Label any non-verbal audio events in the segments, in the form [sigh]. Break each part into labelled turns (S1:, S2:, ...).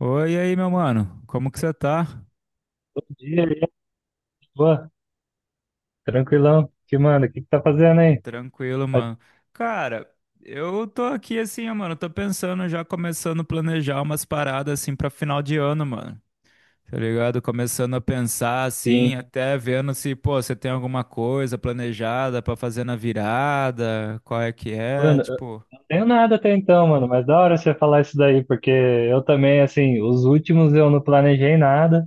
S1: Oi, e aí, meu mano. Como que você tá?
S2: Bom dia, e aí, boa, tranquilão. Que manda? O que que tá fazendo aí?
S1: Tranquilo,
S2: Ah,
S1: mano. Cara, eu tô aqui assim, ó, mano. Tô pensando, já começando a planejar umas paradas assim pra final de ano, mano. Tá ligado? Começando a pensar assim,
S2: sim.
S1: até vendo se, pô, você tem alguma coisa planejada pra fazer na virada, qual é que é,
S2: Mano, eu
S1: tipo.
S2: não tenho nada até então, mano, mas da hora você falar isso daí, porque eu também, assim, os últimos eu não planejei nada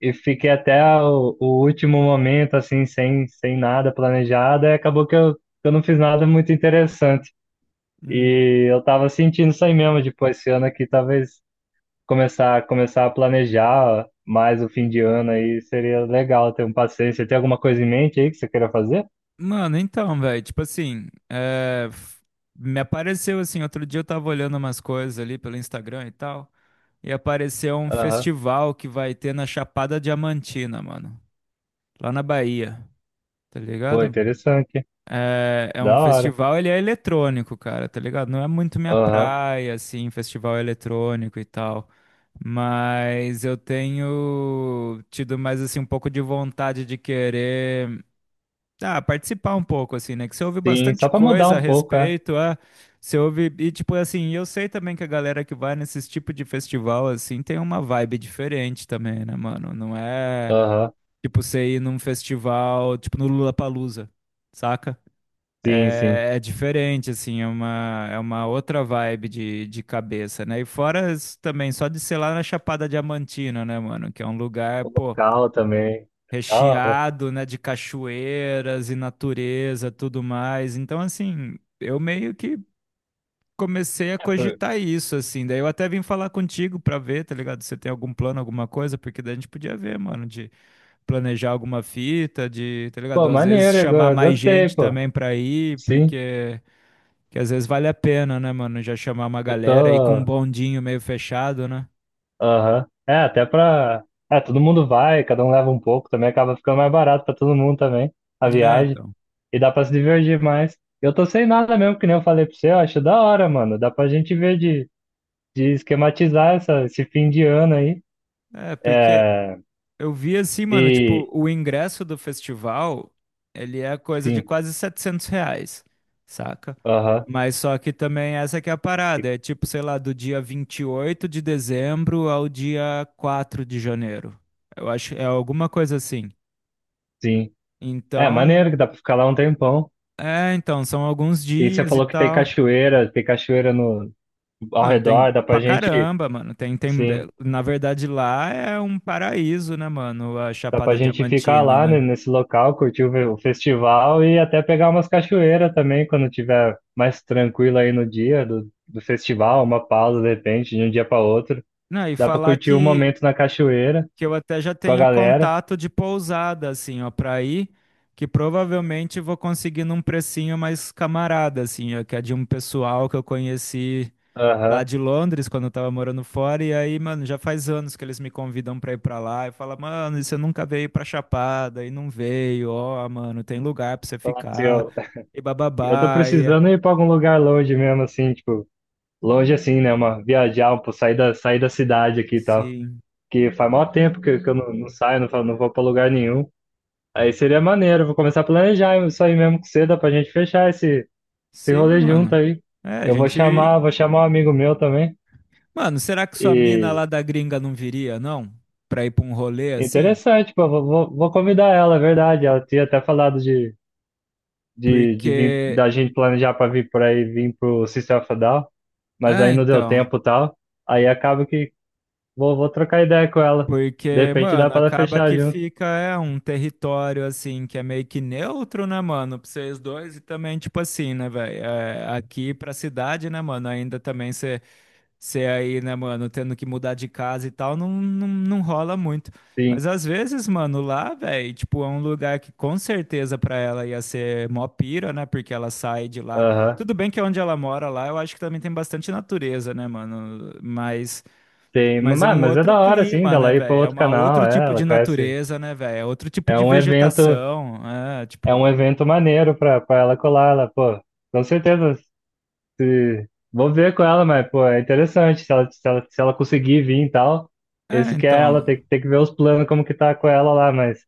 S2: e fiquei até o último momento, assim, sem nada planejado, e acabou que eu não fiz nada muito interessante.
S1: hum,
S2: E eu tava sentindo isso aí mesmo, tipo, esse ano aqui talvez começar a planejar mais o fim de ano aí seria legal ter um passeio. Você tem alguma coisa em mente aí que você queira fazer?
S1: Mano, então, velho, tipo assim, me apareceu assim, outro dia eu tava olhando umas coisas ali pelo Instagram e tal. E apareceu um
S2: Aham.
S1: festival que vai ter na Chapada Diamantina, mano. Lá na Bahia, tá
S2: Pô,
S1: ligado?
S2: interessante.
S1: É um
S2: Da hora.
S1: festival, ele é eletrônico, cara, tá ligado? Não é muito minha
S2: Aham.
S1: praia, assim, festival eletrônico e tal. Mas eu tenho tido mais, assim, um pouco de vontade de querer. Ah, participar um pouco, assim, né? Que você ouve
S2: Sim,
S1: bastante
S2: só pra mudar
S1: coisa a
S2: um pouco, é.
S1: respeito, você ouve, e tipo assim, eu sei também que a galera que vai nesses tipo de festival, assim, tem uma vibe diferente também, né, mano? Não é
S2: Aham.
S1: tipo você ir num festival, tipo no Lollapalooza, saca?
S2: Sim, sim.
S1: É diferente, assim, é uma outra vibe de cabeça, né? E fora isso também, só de ser lá na Chapada Diamantina, né, mano? Que é um lugar,
S2: O
S1: pô,
S2: local também. Da hora.
S1: recheado, né, de cachoeiras e natureza, tudo mais. Então, assim, eu meio que comecei a
S2: É, pô,
S1: cogitar isso, assim. Daí eu até vim falar contigo pra ver, tá ligado? Se você tem algum plano, alguma coisa, porque daí a gente podia ver, mano, de planejar alguma fita, de, tá ligado?
S2: pô,
S1: Às vezes
S2: maneiro,
S1: chamar
S2: eu
S1: mais
S2: gostei,
S1: gente
S2: pô.
S1: também pra ir,
S2: Sim,
S1: porque que às vezes vale a pena, né, mano? Já chamar uma
S2: eu
S1: galera e com um
S2: tô.
S1: bondinho meio fechado, né?
S2: Aham. É, até pra. É, todo mundo vai, cada um leva um pouco também, acaba ficando mais barato pra todo mundo também, a
S1: É,
S2: viagem.
S1: então.
S2: E dá pra se divertir mais. Eu tô sem nada mesmo, que nem eu falei pra você, eu acho da hora, mano. Dá pra gente ver de esquematizar esse fim de ano aí.
S1: É, porque
S2: É.
S1: eu vi assim, mano, tipo,
S2: E
S1: o ingresso do festival, ele é coisa de
S2: sim,
S1: quase R$ 700, saca?
S2: aham,
S1: Mas só que também essa que é a
S2: e-
S1: parada, é tipo, sei lá, do dia 28 de dezembro ao dia 4 de janeiro. Eu acho, é alguma coisa assim.
S2: sim. É
S1: Então,
S2: maneiro que dá pra ficar lá um tempão.
S1: então, são alguns
S2: E você
S1: dias e
S2: falou que
S1: tal.
S2: tem cachoeira no ao
S1: Mano, tem
S2: redor,
S1: pra caramba, mano. Tem,
S2: sim,
S1: na verdade, lá é um paraíso, né, mano? A
S2: dá pra
S1: Chapada
S2: gente ficar
S1: Diamantina,
S2: lá,
S1: né?
S2: né, nesse local, curtir o festival e até pegar umas cachoeiras também quando tiver mais tranquilo aí no dia do festival, uma pausa de repente, de um dia para outro.
S1: Não, e
S2: Dá pra
S1: falar
S2: curtir um
S1: que
S2: momento na cachoeira
S1: que eu até já
S2: com a
S1: tenho
S2: galera.
S1: contato de pousada, assim, ó, pra ir, que provavelmente vou conseguir num precinho mais camarada, assim, ó, que é de um pessoal que eu conheci lá
S2: Aham.
S1: de Londres, quando eu tava morando fora, e aí, mano, já faz anos que eles me convidam pra ir pra lá, e fala, mano, e você nunca veio pra Chapada, e não veio, ó, mano, tem lugar pra você
S2: Falar assim,
S1: ficar,
S2: ó,
S1: e
S2: eu tô
S1: bababá,
S2: precisando ir pra algum lugar longe mesmo, assim, tipo. Longe assim, né? Uma viajar, pô, sair da cidade aqui e tal.
S1: Sim,
S2: Que faz maior tempo que eu não saio, não vou pra lugar nenhum. Aí seria maneiro, vou começar a planejar isso aí mesmo com você, dá pra gente fechar esse
S1: sim,
S2: rolê junto
S1: mano.
S2: aí.
S1: É, a gente,
S2: Vou chamar um amigo meu também.
S1: mano, será que sua mina
S2: E
S1: lá da gringa não viria, não? Pra ir pra um rolê assim?
S2: interessante, pô, vou convidar ela, é verdade. Ela tinha até falado de vir,
S1: Porque.
S2: da gente planejar pra vir por aí, vir pro System of a Down, mas
S1: Ah,
S2: aí não deu
S1: então.
S2: tempo e tal. Aí acaba que, vou trocar ideia com ela. De
S1: Porque,
S2: repente dá
S1: mano,
S2: pra ela
S1: acaba
S2: fechar
S1: que
S2: junto.
S1: fica é, um território assim que é meio que neutro, né, mano? Pra vocês dois e também, tipo assim, né, velho? É, aqui pra cidade, né, mano? Ainda também você ser aí, né, mano, tendo que mudar de casa e tal, não, não, não rola muito.
S2: Sim.
S1: Mas às vezes, mano, lá, velho, tipo, é um lugar que com certeza pra ela ia ser mó pira, né? Porque ela sai de lá.
S2: Aham.
S1: Tudo bem que é onde ela mora lá, eu acho que também tem bastante natureza, né, mano? Mas,
S2: Tem,
S1: mas é um
S2: mas é
S1: outro
S2: da hora, assim,
S1: clima, né,
S2: dela ir pra
S1: velho? É
S2: outro
S1: uma
S2: canal.
S1: outro
S2: É,
S1: tipo
S2: ela
S1: de
S2: conhece.
S1: natureza, né, velho? É outro tipo
S2: É
S1: de
S2: um evento,
S1: vegetação, é,
S2: é um
S1: tipo,
S2: evento maneiro pra ela colar. Ela, pô, com certeza. Se, vou ver com ela, mas, pô, é interessante. Se ela conseguir vir e tal.
S1: é,
S2: Esse que é ela,
S1: então,
S2: tem que ver os planos, como que tá com ela lá, mas.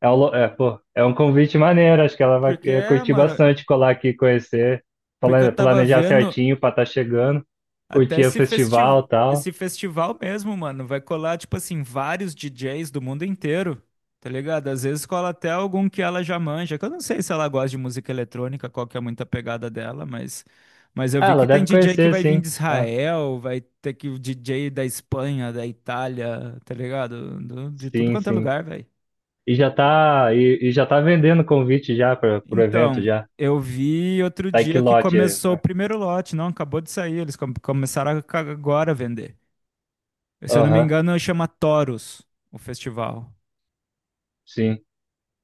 S2: Pô, é um convite maneiro, acho que ela vai
S1: porque,
S2: curtir
S1: mano,
S2: bastante colar aqui, conhecer,
S1: porque eu tava
S2: planejar
S1: vendo.
S2: certinho pra estar chegando,
S1: Até
S2: curtir o
S1: esse
S2: festival
S1: festival,
S2: e tal.
S1: esse festival mesmo, mano, vai colar, tipo assim, vários DJs do mundo inteiro, tá ligado? Às vezes cola até algum que ela já manja, que eu não sei se ela gosta de música eletrônica, qual que é muito a pegada dela, mas eu
S2: Ah,
S1: vi
S2: ela
S1: que tem
S2: deve
S1: DJ que
S2: conhecer,
S1: vai vir
S2: sim.
S1: de
S2: Ah,
S1: Israel, vai ter que o DJ da Espanha, da Itália, tá ligado? De tudo
S2: sim,
S1: quanto é
S2: sim.
S1: lugar, velho.
S2: E já tá vendendo convite já para pro evento
S1: Então,
S2: já.
S1: eu vi outro
S2: Tá em que
S1: dia que
S2: lote.
S1: começou o primeiro lote, não, acabou de sair, eles começaram agora a vender. Se eu não me
S2: Aham,
S1: engano, chama Toros o festival.
S2: sim.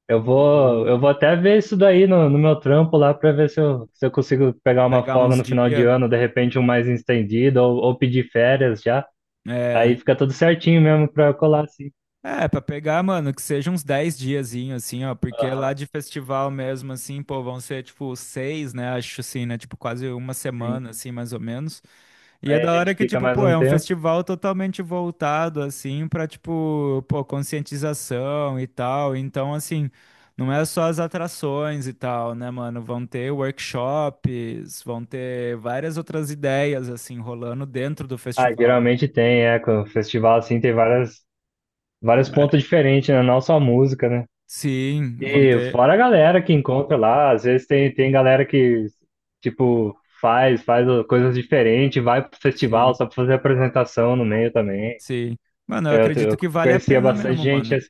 S2: Eu
S1: E
S2: vou até ver isso daí no meu trampo lá pra ver se eu consigo pegar uma
S1: pegar
S2: folga
S1: uns
S2: no final de
S1: dias.
S2: ano, de repente um mais estendido, ou pedir férias já.
S1: É,
S2: Aí fica tudo certinho mesmo pra colar, assim.
S1: é, pra pegar, mano, que seja uns 10 diazinhos, assim, ó. Porque
S2: Aham.
S1: lá de festival mesmo, assim, pô, vão ser tipo seis, né? Acho assim, né? Tipo, quase uma
S2: Sim.
S1: semana, assim, mais ou menos. E é
S2: Aí a
S1: da hora
S2: gente
S1: que,
S2: fica
S1: tipo,
S2: mais
S1: pô,
S2: um
S1: é um
S2: tempo.
S1: festival totalmente voltado, assim, pra, tipo, pô, conscientização e tal. Então, assim, não é só as atrações e tal, né, mano? Vão ter workshops, vão ter várias outras ideias, assim, rolando dentro do
S2: Ah,
S1: festival.
S2: geralmente tem, é, com o festival assim vários pontos diferentes, né? Não só música, né?
S1: Sim, vão
S2: E
S1: ter.
S2: fora a galera que encontra lá, às vezes tem galera que, tipo, faz coisas diferentes, vai pro festival
S1: Sim,
S2: só pra fazer apresentação no meio também.
S1: sim. Mano, eu acredito
S2: Eu
S1: que vale a
S2: conhecia
S1: pena
S2: bastante
S1: mesmo,
S2: gente
S1: mano.
S2: assim.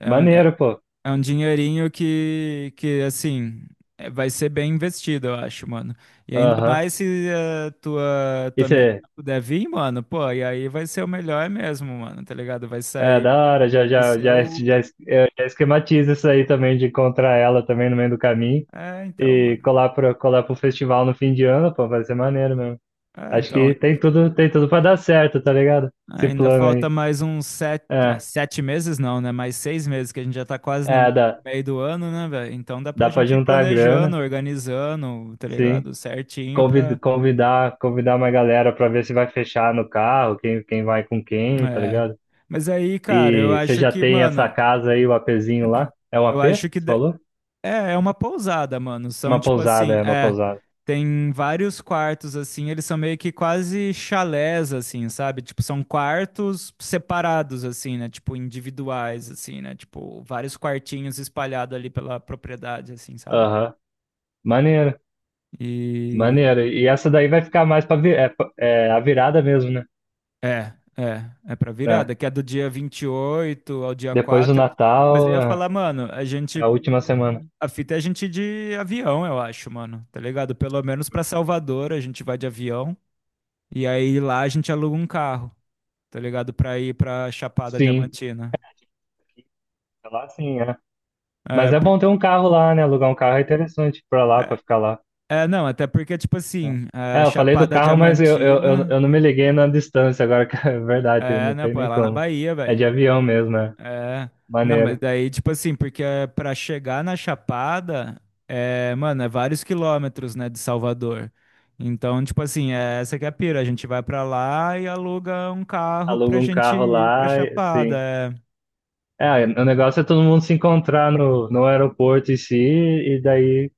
S1: É
S2: Maneiro, pô.
S1: É um dinheirinho que assim, é vai ser bem investido, eu acho, mano. E ainda
S2: Aham.
S1: mais se a tua,
S2: E
S1: tua menina
S2: você
S1: puder vir, mano, pô, e aí vai ser o melhor mesmo, mano, tá ligado? Vai
S2: é,
S1: sair,
S2: da hora,
S1: vai ser o...
S2: eu já esquematizo isso aí também, de encontrar ela também no meio do caminho
S1: É, então,
S2: e
S1: mano.
S2: colar colar pro festival no fim de ano, pô, vai ser maneiro mesmo.
S1: É,
S2: Acho
S1: então,
S2: que tem tudo pra dar certo, tá ligado? Esse
S1: ainda
S2: plano
S1: falta
S2: aí.
S1: mais uns sete, ah,
S2: É,
S1: sete meses não, né? Mais 6 meses, que a gente já tá quase no meio,
S2: dá,
S1: meio do ano, né, velho? Então dá
S2: dá
S1: pra
S2: pra
S1: gente ir
S2: juntar a
S1: planejando,
S2: grana,
S1: organizando, tá
S2: sim.
S1: ligado? Certinho pra...
S2: Convidar uma galera pra ver se vai fechar no carro, quem vai com quem, tá
S1: É.
S2: ligado?
S1: Mas aí, cara, eu
S2: E você
S1: acho
S2: já
S1: que,
S2: tem essa
S1: mano.
S2: casa aí, o APzinho lá? É um
S1: Eu
S2: AP?
S1: acho que
S2: Você falou?
S1: é uma pousada, mano. São
S2: Uma
S1: tipo
S2: pousada,
S1: assim,
S2: é uma
S1: é,
S2: pousada.
S1: tem vários quartos assim, eles são meio que quase chalés assim, sabe? Tipo, são quartos separados assim, né? Tipo, individuais assim, né? Tipo, vários quartinhos espalhados ali pela propriedade assim, sabe?
S2: Aham. Maneiro,
S1: E
S2: maneiro. E essa daí vai ficar mais é a virada mesmo, né?
S1: é pra
S2: É.
S1: virada, que é do dia 28 ao dia
S2: Depois do
S1: 4. Mas eu
S2: Natal,
S1: ia
S2: é,
S1: falar, mano, a gente.
S2: é a última semana.
S1: A fita é a gente ir de avião, eu acho, mano. Tá ligado? Pelo menos pra Salvador a gente vai de avião. E aí lá a gente aluga um carro, tá ligado? Pra ir pra Chapada
S2: Sim,
S1: Diamantina.
S2: é lá sim, é.
S1: É,
S2: Mas é
S1: por-
S2: bom ter um carro lá, né? Alugar um carro é interessante para lá, para
S1: é,
S2: ficar lá.
S1: é, não, até porque, tipo assim, a
S2: É, eu falei do
S1: Chapada
S2: carro, mas
S1: Diamantina.
S2: eu não me liguei na distância agora, [laughs] que é verdade,
S1: É,
S2: não
S1: né,
S2: tem
S1: pô, é
S2: nem
S1: lá na
S2: como.
S1: Bahia,
S2: É
S1: velho.
S2: de avião mesmo, né?
S1: É, não, mas
S2: Maneiro.
S1: daí, tipo assim, porque pra chegar na Chapada, é, mano, é vários quilômetros, né, de Salvador. Então, tipo assim, é, essa que é a pira, a gente vai pra lá e aluga um carro pra
S2: Aluga um
S1: gente
S2: carro
S1: ir pra
S2: lá, sim.
S1: Chapada.
S2: É, o negócio é todo mundo se encontrar no aeroporto em si, e daí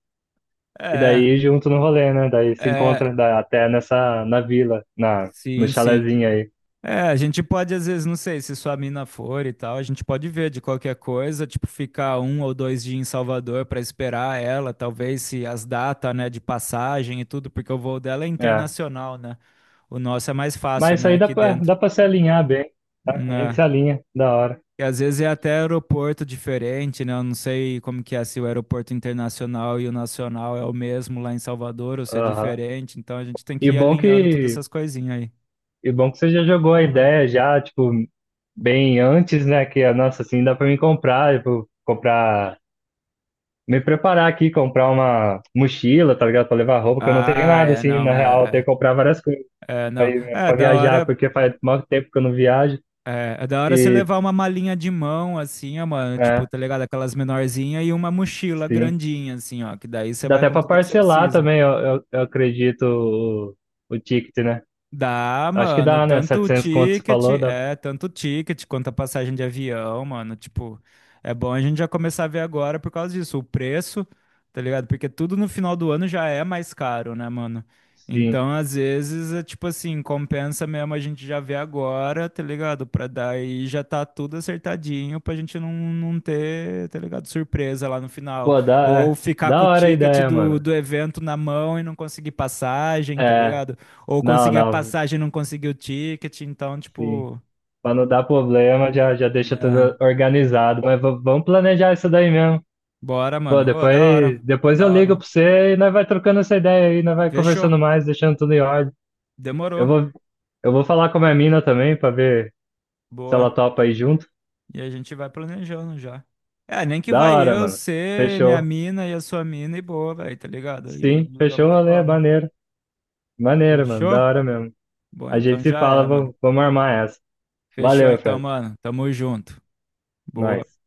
S2: e
S1: É,
S2: daí junto no rolê, né? Daí se
S1: é,
S2: encontra
S1: é,
S2: até nessa, na, no
S1: sim, sim.
S2: chalezinho aí.
S1: É, a gente pode, às vezes, não sei, se sua mina for e tal, a gente pode ver de qualquer coisa, tipo, ficar um ou dois dias em Salvador pra esperar ela, talvez se as datas, né, de passagem e tudo, porque o voo dela é
S2: É.
S1: internacional, né? O nosso é mais fácil,
S2: Mas isso
S1: né?
S2: aí
S1: Aqui dentro.
S2: dá pra se alinhar bem, né?
S1: Hum.
S2: A gente
S1: É.
S2: se alinha, da hora.
S1: E às vezes é até aeroporto diferente, né? Eu não sei como que é, se o aeroporto internacional e o nacional é o mesmo lá em Salvador ou se é
S2: Aham.
S1: diferente. Então a gente tem que
S2: E
S1: ir
S2: bom
S1: alinhando todas
S2: que,
S1: essas coisinhas aí.
S2: e bom que você já jogou a ideia já, tipo, bem antes, né? Que, nossa, assim, dá pra me comprar, me preparar aqui, comprar uma mochila, tá ligado? Pra levar roupa, que eu não tenho
S1: Ah,
S2: nada,
S1: é,
S2: assim,
S1: não,
S2: na real, eu
S1: é,
S2: tenho que comprar várias coisas
S1: é, não.
S2: aí, né,
S1: É
S2: pra
S1: da
S2: viajar,
S1: hora,
S2: porque faz muito tempo que eu não viajo.
S1: é, é da hora você
S2: E,
S1: levar uma malinha de mão, assim, ó, mano, tipo,
S2: é,
S1: tá ligado? Aquelas menorzinhas e uma mochila
S2: sim.
S1: grandinha, assim, ó, que daí você
S2: Dá
S1: vai
S2: até
S1: com
S2: pra
S1: tudo que você
S2: parcelar
S1: precisa.
S2: também, eu acredito, o ticket, né?
S1: Dá,
S2: Acho que
S1: mano,
S2: dá, né?
S1: tanto o
S2: 700 conto, você
S1: ticket,
S2: falou, dá.
S1: é, tanto o ticket quanto a passagem de avião, mano, tipo, é bom a gente já começar a ver agora por causa disso, o preço, tá ligado? Porque tudo no final do ano já é mais caro, né, mano?
S2: Sim.
S1: Então, às vezes, é tipo assim, compensa mesmo a gente já ver agora, tá ligado? Pra daí já tá tudo acertadinho pra gente não, não ter, tá ligado? Surpresa lá no final.
S2: Pô, dá,
S1: Ou
S2: é.
S1: ficar
S2: Da
S1: com o
S2: hora a
S1: ticket
S2: ideia,
S1: do,
S2: mano.
S1: do evento na mão e não conseguir passagem, tá
S2: É,
S1: ligado? Ou
S2: não,
S1: consegui a
S2: não,
S1: passagem e não consegui o ticket, então,
S2: sim.
S1: tipo,
S2: Pra não dar problema, já deixa
S1: é,
S2: tudo organizado. Mas vamos planejar isso daí mesmo.
S1: bora,
S2: Pô,
S1: mano. Ô, da hora,
S2: depois
S1: da
S2: eu ligo
S1: hora.
S2: pra você e nós vai trocando essa ideia aí, nós vai conversando
S1: Fechou,
S2: mais, deixando tudo em ordem. Eu
S1: demorou,
S2: vou, eu vou falar com a minha mina também, pra ver se ela
S1: boa.
S2: topa aí junto.
S1: E a gente vai planejando já. É, nem que
S2: Da
S1: vai
S2: hora,
S1: eu,
S2: mano.
S1: ser minha
S2: Fechou.
S1: mina e a sua mina e boa, velho, tá ligado?
S2: Sim,
S1: E
S2: fechou
S1: vamos
S2: o
S1: que
S2: rolê,
S1: vamos.
S2: maneiro. Maneiro, mano,
S1: Fechou?
S2: da hora mesmo.
S1: Bom,
S2: A gente
S1: então
S2: se
S1: já
S2: fala,
S1: é, mano.
S2: vamos armar essa.
S1: Fechou
S2: Valeu,
S1: então,
S2: Fred.
S1: mano. Tamo junto. Boa.
S2: Nós.